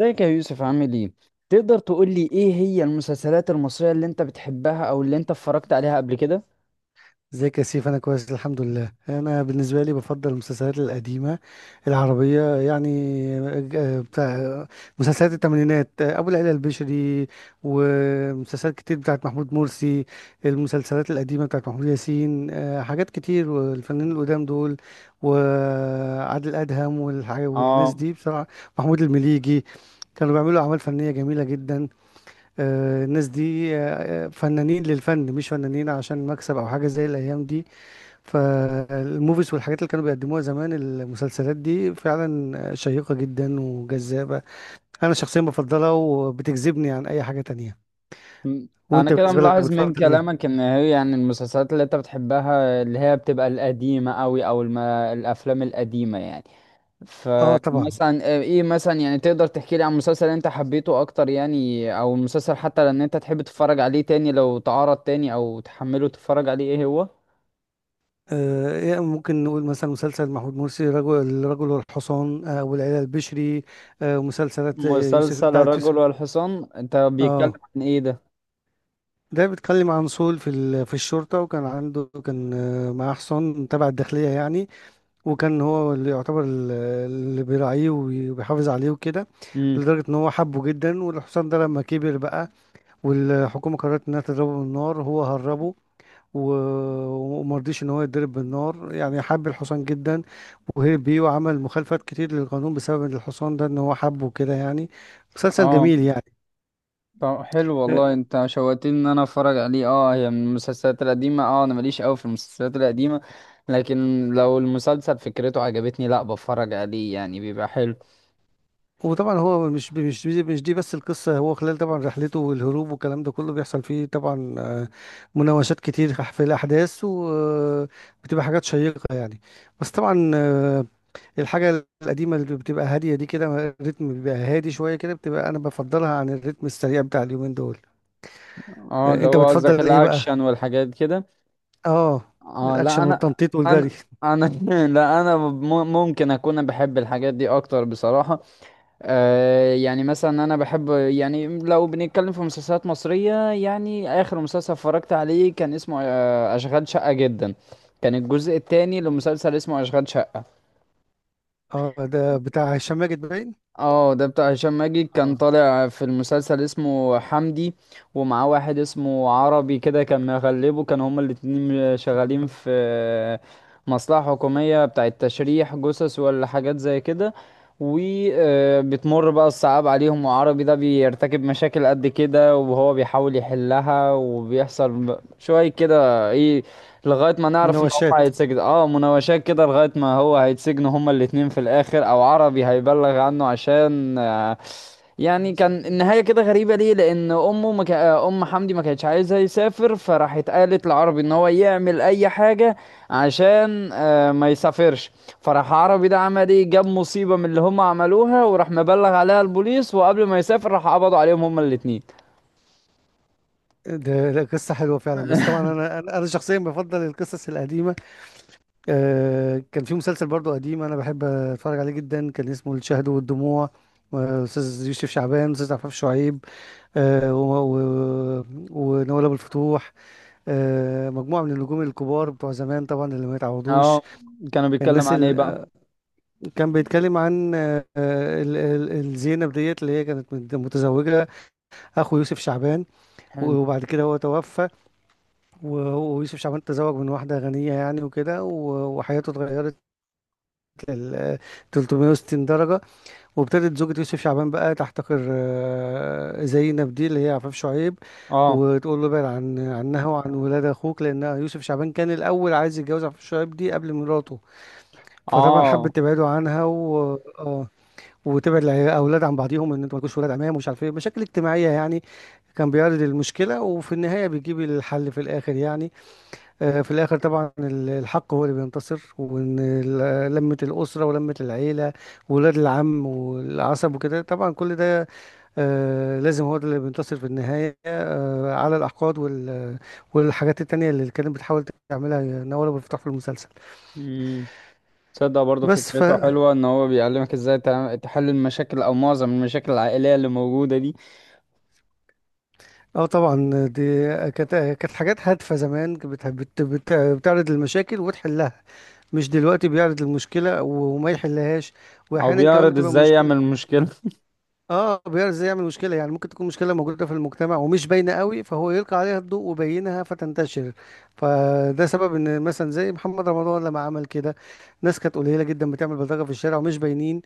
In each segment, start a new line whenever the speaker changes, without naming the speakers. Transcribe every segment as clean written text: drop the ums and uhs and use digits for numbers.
ازيك يا يوسف، عامل ايه؟ تقدر تقول لي ايه هي المسلسلات المصرية اللي انت بتحبها او اللي انت اتفرجت عليها قبل كده؟
ازيك يا سيف، انا كويس الحمد لله. انا بالنسبه لي بفضل المسلسلات القديمه العربيه، يعني. بتاع مسلسلات الثمانينات، ابو العلا البشري، ومسلسلات كتير بتاعت محمود مرسي. المسلسلات القديمه بتاعت محمود ياسين، حاجات كتير، والفنانين القدام دول وعادل ادهم والناس
اه.
دي بصراحه. محمود المليجي كانوا بيعملوا أعمال فنية جميلة جدا. الناس دي فنانين للفن، مش فنانين عشان مكسب أو حاجة زي الأيام دي. فالموفيز والحاجات اللي كانوا بيقدموها زمان، المسلسلات دي فعلا شيقة جدا وجذابة. انا شخصيا بفضلها وبتجذبني عن اي حاجة تانية.
م- انا
وانت
كده
بالنسبة لك
ملاحظ من
بتفضل ايه؟
كلامك ان هي يعني المسلسلات اللي انت بتحبها اللي هي بتبقى القديمة قوي او الافلام القديمة يعني.
اه طبعا.
فمثلا ايه ايه مثلا يعني تقدر تحكي لي عن مسلسل انت حبيته اكتر يعني، او مسلسل حتى لان انت تحب تتفرج عليه تاني لو تعرض تاني او تحمله تتفرج عليه، ايه هو؟
آه إيه، ممكن نقول مثلا مسلسل محمود مرسي، رجل الرجل والحصان، والعيلة البشري. مسلسلات، آه، يوسف
مسلسل
بتاعت
الرجل
يوسف
والحصان انت بيتكلم
اه،
عن ايه ده؟
ده بيتكلم عن صول في في الشرطة، وكان عنده كان آه، معاه حصان تبع الداخلية، يعني. وكان هو اللي يعتبر اللي بيراعيه وبيحافظ عليه وكده،
امم.
لدرجة ان هو حبه جدا. والحصان ده لما كبر بقى والحكومة قررت انها تضربه بالنار، هو هربه ومرضيش ان هو يتضرب بالنار، يعني حب الحصان جدا وهرب بيه، وعمل مخالفات كتير للقانون بسبب إن الحصان ده، ان هو حبه كده، يعني. مسلسل
اه.
جميل يعني.
طب حلو والله، انت شوقتني ان انا اتفرج عليه. اه، هي من المسلسلات القديمه، اه انا ماليش قوي في المسلسلات القديمه، لكن لو المسلسل فكرته عجبتني لا بتفرج عليه يعني بيبقى حلو.
وطبعا هو مش دي بس القصة. هو خلال طبعا رحلته والهروب والكلام ده كله بيحصل فيه طبعا مناوشات كتير في الأحداث، وبتبقى حاجات شيقة يعني. بس طبعا، الحاجة القديمة اللي بتبقى هادية دي، كده الريتم بيبقى هادي شوية كده، بتبقى أنا بفضلها عن الريتم السريع بتاع اليومين دول.
اه اللي
أنت
هو قصدك
بتفضل إيه بقى؟
الاكشن والحاجات كده.
آه
اه لا،
الأكشن
انا
والتنطيط والجري.
انا انا لا انا ممكن اكون بحب الحاجات دي اكتر بصراحه. يعني مثلا انا بحب يعني لو بنتكلم في مسلسلات مصرية، يعني اخر مسلسل اتفرجت عليه كان اسمه اشغال شقة جدا. كان الجزء الثاني لمسلسل اسمه اشغال شقة.
ده بتاع هشام ماجد باين.
اه ده بتاع هشام ماجد، كان
اه،
طالع في المسلسل اسمه حمدي، ومعاه واحد اسمه عربي كده كان مغلبه، كانوا هما الاتنين شغالين في مصلحة حكومية بتاعة تشريح جثث ولا حاجات زي كده. وبتمر بقى الصعاب عليهم، وعربي ده بيرتكب مشاكل قد كده وهو بيحاول يحلها، وبيحصل شوية كده ايه لغاية ما نعرف
مناوشات.
هيتسجن. اه، مناوشات كده لغاية ما هو هيتسجنوا هما الاتنين في الآخر، أو عربي هيبلغ عنه عشان يعني كان النهاية كده غريبة ليه. لأن أمه ما كا... آه، أم حمدي ما كانتش عايزة يسافر، فراحت قالت لعربي إن هو يعمل أي حاجة عشان ما يسافرش. فراح عربي ده عمل إيه، جاب مصيبة من اللي هما عملوها، وراح مبلغ عليها البوليس، وقبل ما يسافر راح قبضوا عليهم هما الاتنين.
ده قصة حلوة فعلا، بس طبعا أنا شخصيا بفضل القصص القديمة. كان في مسلسل برضو قديم أنا بحب أتفرج عليه جدا، كان اسمه الشهد والدموع. أستاذ يوسف شعبان، أستاذ عفاف شعيب، آه، و- و- ونوال أبو الفتوح، مجموعة من النجوم الكبار بتوع زمان طبعا، اللي ما يتعوضوش.
اه. كانوا بيتكلم
الناس
عن إيه بقى؟
اللي كان بيتكلم عن الزينب ديت اللي هي كانت متزوجة أخو يوسف شعبان.
حلو.
وبعد كده هو توفى، وهو ويوسف شعبان تزوج من واحدة غنية يعني، وكده وحياته اتغيرت لل 360 درجة. وابتدت زوجة يوسف شعبان بقى تحتقر زينب دي اللي هي عفاف شعيب،
اه.
وتقول له ابعد عنها وعن ولاد اخوك، لان يوسف شعبان كان الاول عايز يتجوز عفاف شعيب دي قبل مراته. فطبعا
اه.
حبت تبعده عنها، و آه، وتبعد الاولاد عن بعضيهم، ان انتوا مالكوش ولاد عمام ومش عارف ايه، مشاكل اجتماعيه يعني. كان بيعرض المشكله، وفي النهايه بيجيب الحل في الاخر يعني. في الآخر طبعا الحق هو اللي بينتصر، وإن لمة الأسرة ولمة العيلة وولاد العم والعصب وكده، طبعا كل ده لازم هو ده اللي بينتصر في النهاية على الأحقاد والحاجات التانية اللي كانت بتحاول تعملها نوال أبو الفتح في المسلسل.
مم. تصدق برضه
بس ف
فكرته حلوة ان هو بيعلمك ازاي تحل المشاكل او معظم المشاكل العائلية اللي موجودة دي.
اه طبعا، دي كانت حاجات هادفة زمان، كانت بتعرض المشاكل وتحلها. مش دلوقتي بيعرض المشكلة وما يحلهاش،
او
وأحيانا كمان
بيعرض
بتبقى
ازاي يعمل
مشكلة.
مشكلة.
اه، بيعرف ازاي يعمل مشكله، يعني ممكن تكون مشكله موجوده في المجتمع ومش باينه قوي، فهو يلقي عليها الضوء وبينها فتنتشر. فده سبب ان مثلا زي محمد رمضان لما عمل كده، ناس كانت قليله جدا بتعمل بلطجه في الشارع ومش باينين.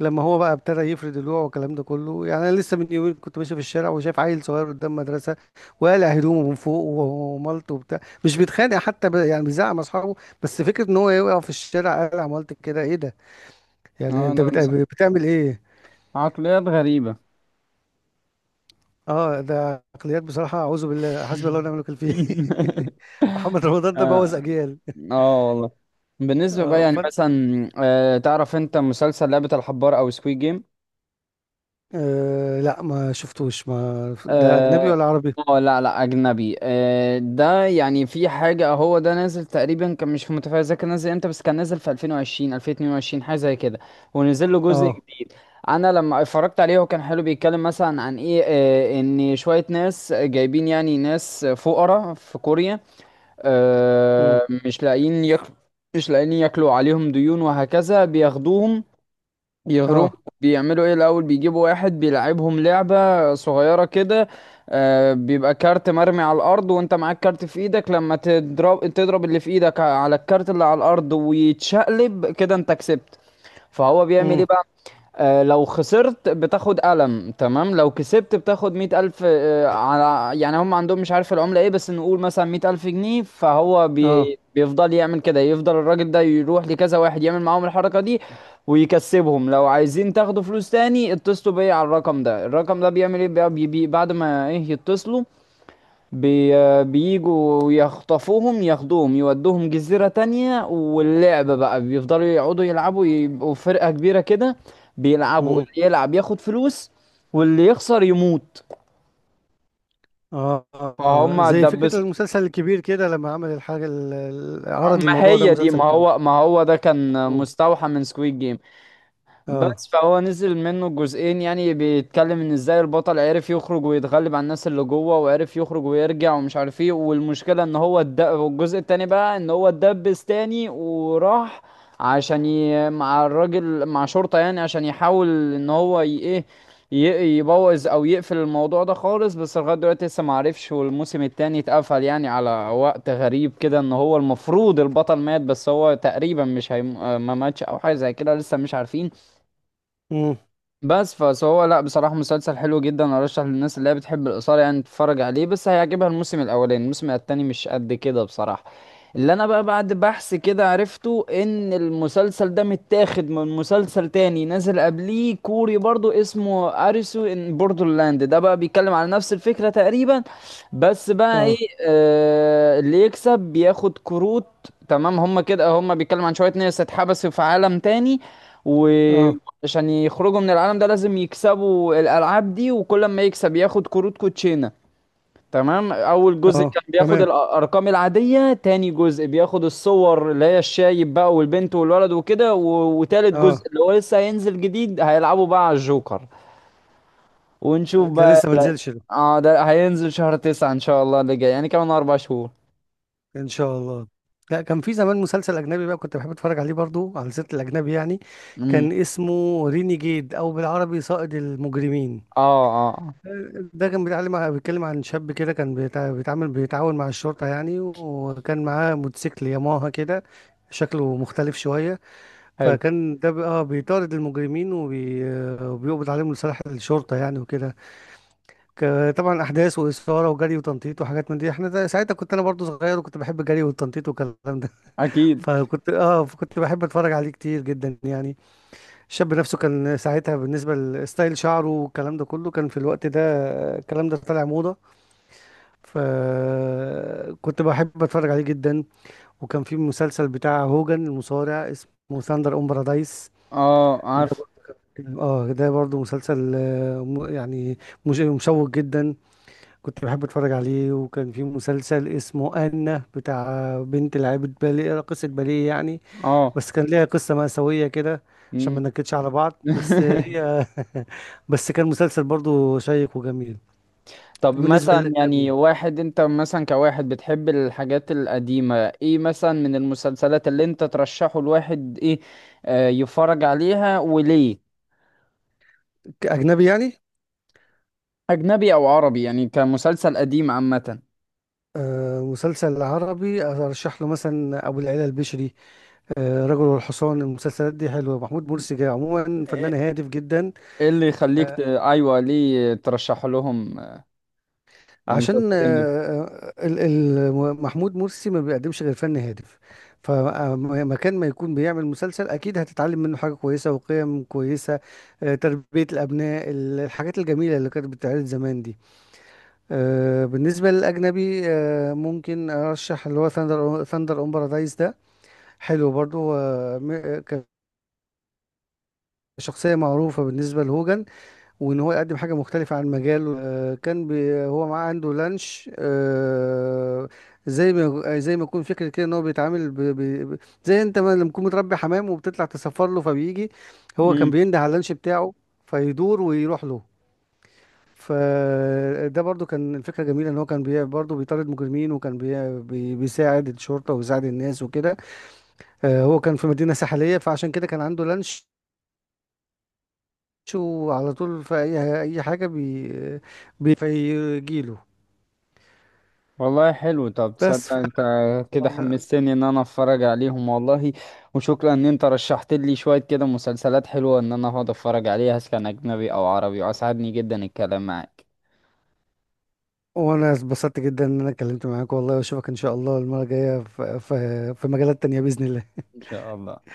لما هو بقى ابتدى يفرد الوعي والكلام ده كله، يعني انا لسه من يومين كنت ماشي في الشارع وشايف عيل صغير قدام مدرسه وقالع هدومه من فوق ومالته وبتاع، مش بيتخانق حتى يعني بيزعق مع اصحابه، بس فكره ان هو يقع في الشارع قالع مالتك كده، ايه ده؟ يعني
اه
انت
ده
بتعمل ايه؟
عقليات غريبة.
اه، ده عقليات بصراحة، أعوذ بالله، حسبي الله ونعم الوكيل فيه. محمد رمضان ده بوظ
اه.
أجيال.
آه والله. بالنسبة بقى
اه
يعني
فانت.
مثلا، تعرف انت مسلسل لعبة الحبار او سكويد جيم؟
لا، ما شفتوش، ما ده أجنبي
اه.
ولا عربي؟
لا لا، اجنبي. ده يعني في حاجه، هو ده نازل تقريبا، كان مش متفاجئ اذا كان نازل امتى، بس كان نازل في 2020 2022 حاجه زي كده، ونزل له جزء
اه.
جديد. انا لما اتفرجت عليه هو كان حلو، بيتكلم مثلا عن ايه ان شويه ناس جايبين، يعني ناس فقراء في كوريا،
مم.
مش لاقيين ياكلوا. مش لاقيين ياكلوا، عليهم ديون وهكذا، بياخدوهم يهربوا.
اه.
بيعملوا ايه الاول، بيجيبوا واحد بيلعبهم لعبة صغيرة كده. بيبقى كارت مرمي على الارض وانت معاك كارت في ايدك، لما تضرب تضرب اللي في ايدك على الكارت اللي على الارض ويتشقلب كده انت كسبت. فهو بيعمل
مم.
ايه، لو خسرت بتاخد قلم، تمام، لو كسبت بتاخد 100,000، على يعني هم عندهم مش عارف العملة ايه بس نقول مثلا 100,000 جنيه. فهو
اه.
بيفضل يعمل كده، يفضل الراجل ده يروح لكذا واحد يعمل معاهم الحركة دي ويكسبهم. لو عايزين تاخدوا فلوس تاني اتصلوا بيا على الرقم ده. الرقم ده بيعمل ايه بقى، بعد ما ايه يتصلوا بي بيجوا يخطفوهم، ياخدوهم يودوهم جزيرة تانية، واللعبة بقى بيفضلوا يقعدوا يلعبوا، يبقوا فرقة كبيرة كده بيلعبوا،
مم.
اللي يلعب ياخد فلوس واللي يخسر يموت.
آه. آه. آه.
فهم
زي فكرة
دبسوا.
المسلسل الكبير كده، لما عمل الحاجة عرض
ما
الموضوع ده
هي دي، ما
مسلسل كبير.
هو ما هو ده كان
مم.
مستوحى من سكويد جيم.
اه.
بس فهو نزل منه جزئين، يعني بيتكلم ان ازاي البطل عرف يخرج ويتغلب على الناس اللي جوه، وعرف يخرج ويرجع ومش عارف ايه. والمشكلة ان هو والجزء التاني بقى ان هو اتدبس تاني، وراح عشان مع الراجل، مع شرطة يعني، عشان يحاول ان هو ايه يبوظ او يقفل الموضوع ده خالص. بس لغاية دلوقتي لسه معرفش. والموسم التاني اتقفل يعني على وقت غريب كده، ان هو المفروض البطل مات، بس هو تقريبا مش ما ماتش او حاجة زي كده، لسه مش عارفين.
مم.
بس فهو، لا بصراحة مسلسل حلو جدا، ارشح للناس اللي هي بتحب الإثارة يعني تتفرج عليه، بس هيعجبها الموسم الأولاني، الموسم التاني مش قد كده بصراحة. اللي انا بقى بعد بحث كده عرفته ان المسلسل ده متاخد من مسلسل تاني نازل قبليه كوري برضو، اسمه اريسو ان بوردرلاند. ده بقى بيتكلم على نفس الفكرة تقريبا، بس بقى
اه.
ايه اللي يكسب بياخد كروت. تمام، هما كده هما بيتكلم عن شوية ناس اتحبسوا في عالم تاني، و...
اه.
عشان يخرجوا من العالم ده لازم يكسبوا الألعاب دي، وكل ما يكسب ياخد كروت كوتشينة. تمام، أول جزء
اه
كان بياخد
تمام.
الأرقام العادية، تاني جزء بياخد الصور اللي هي الشايب بقى والبنت والولد وكده، وتالت
اه.
جزء اللي هو لسه هينزل جديد هيلعبوا بقى على الجوكر. ونشوف
ده
بقى
لسه ما نزلش.
اه ده هينزل شهر 9 إن شاء الله اللي جاي، يعني كمان 4 شهور.
ان شاء الله. لا، كان في زمان مسلسل اجنبي بقى كنت بحب اتفرج عليه، برضو على سيره الاجنبي يعني.
امم.
كان اسمه رينيجيد، او بالعربي صائد المجرمين.
اه. اه.
ده كان بيتكلم عن شاب كده، كان بيتع- بيتعامل بيتعاون مع الشرطه يعني، وكان معاه موتوسيكل ياماها كده، شكله مختلف شويه.
حلو.
فكان ده بقى بيطارد المجرمين وبيقبض عليهم لصالح الشرطه يعني، وكده. طبعا احداث واثاره وجري وتنطيط وحاجات من دي. ساعتها كنت انا برضو صغير، وكنت بحب الجري والتنطيط والكلام.
أكيد.
فكنت بحب اتفرج عليه كتير جدا يعني. الشاب نفسه كان ساعتها بالنسبه لستايل شعره والكلام ده كله، كان في الوقت ده الكلام ده طالع موضه. فكنت بحب اتفرج عليه جدا. وكان في مسلسل بتاع هوجن المصارع، اسمه ثاندر اون بارادايس.
اه
ده
عارف.
بر- اه، ده برضه مسلسل يعني مشوق جدا، كنت بحب اتفرج عليه. وكان في مسلسل اسمه، بتاع بنت لعيبه باليه، راقصه باليه يعني،
اه.
بس كان ليها قصة مأساوية كده، عشان ما
مم.
ننكدش على بعض، بس هي بس كان مسلسل برضو شيق وجميل.
طب
بالنسبة
مثلا
للأجنبي،
يعني واحد انت مثلا كواحد بتحب الحاجات القديمة، ايه مثلا من المسلسلات اللي انت ترشحه الواحد ايه يفرج عليها وليه؟
أجنبي يعني.
اجنبي او عربي يعني، كمسلسل قديم عامة.
مسلسل عربي أرشح له مثلا أبو العلا البشري، رجل والحصان. المسلسلات دي حلوة، محمود
مهم.
مرسي جاي عموما فنان
ايه،
هادف جدا.
إيه اللي يخليك ايوه ليه ترشح لهم
عشان
المسلسلين
محمود مرسي ما بيقدمش غير فن هادف، فمكان ما يكون بيعمل مسلسل اكيد هتتعلم منه حاجة كويسة وقيم كويسة، تربية الابناء، الحاجات الجميلة اللي كانت بتتعرض زمان دي. بالنسبة للاجنبي، ممكن ارشح اللي هو ثاندر اون بارادايس. ده حلو برضو، كشخصية معروفة بالنسبة لهوجن، وان هو يقدم حاجه مختلفه عن مجاله. كان هو معاه عنده لانش. زي ما يكون فكره كده، ان هو بيتعامل زي انت ما لما تكون متربي حمام وبتطلع تسفر له فبيجي، هو كان
دول؟
بينده على اللانش بتاعه فيدور ويروح له. فده برضو كان الفكره جميله، ان هو كان برضو بيطارد مجرمين، وكان بيساعد الشرطه وبيساعد الناس وكده. هو كان في مدينه ساحليه، فعشان كده كان عنده لانش، شو على طول في اي حاجه بيجيله.
والله حلو، طب
بس
تصدق
ف...
انت كده حمستني ان انا اتفرج عليهم والله. وشكرا ان انت رشحت لي شوية كده مسلسلات حلوة ان انا اقعد اتفرج عليها سواء كان اجنبي او عربي، واسعدني جدا الكلام معاك.
وانا اتبسطت جدا ان انا اتكلمت معاك والله، واشوفك ان شاء الله المره الجايه في مجالات تانية باذن الله.
ان شاء الله.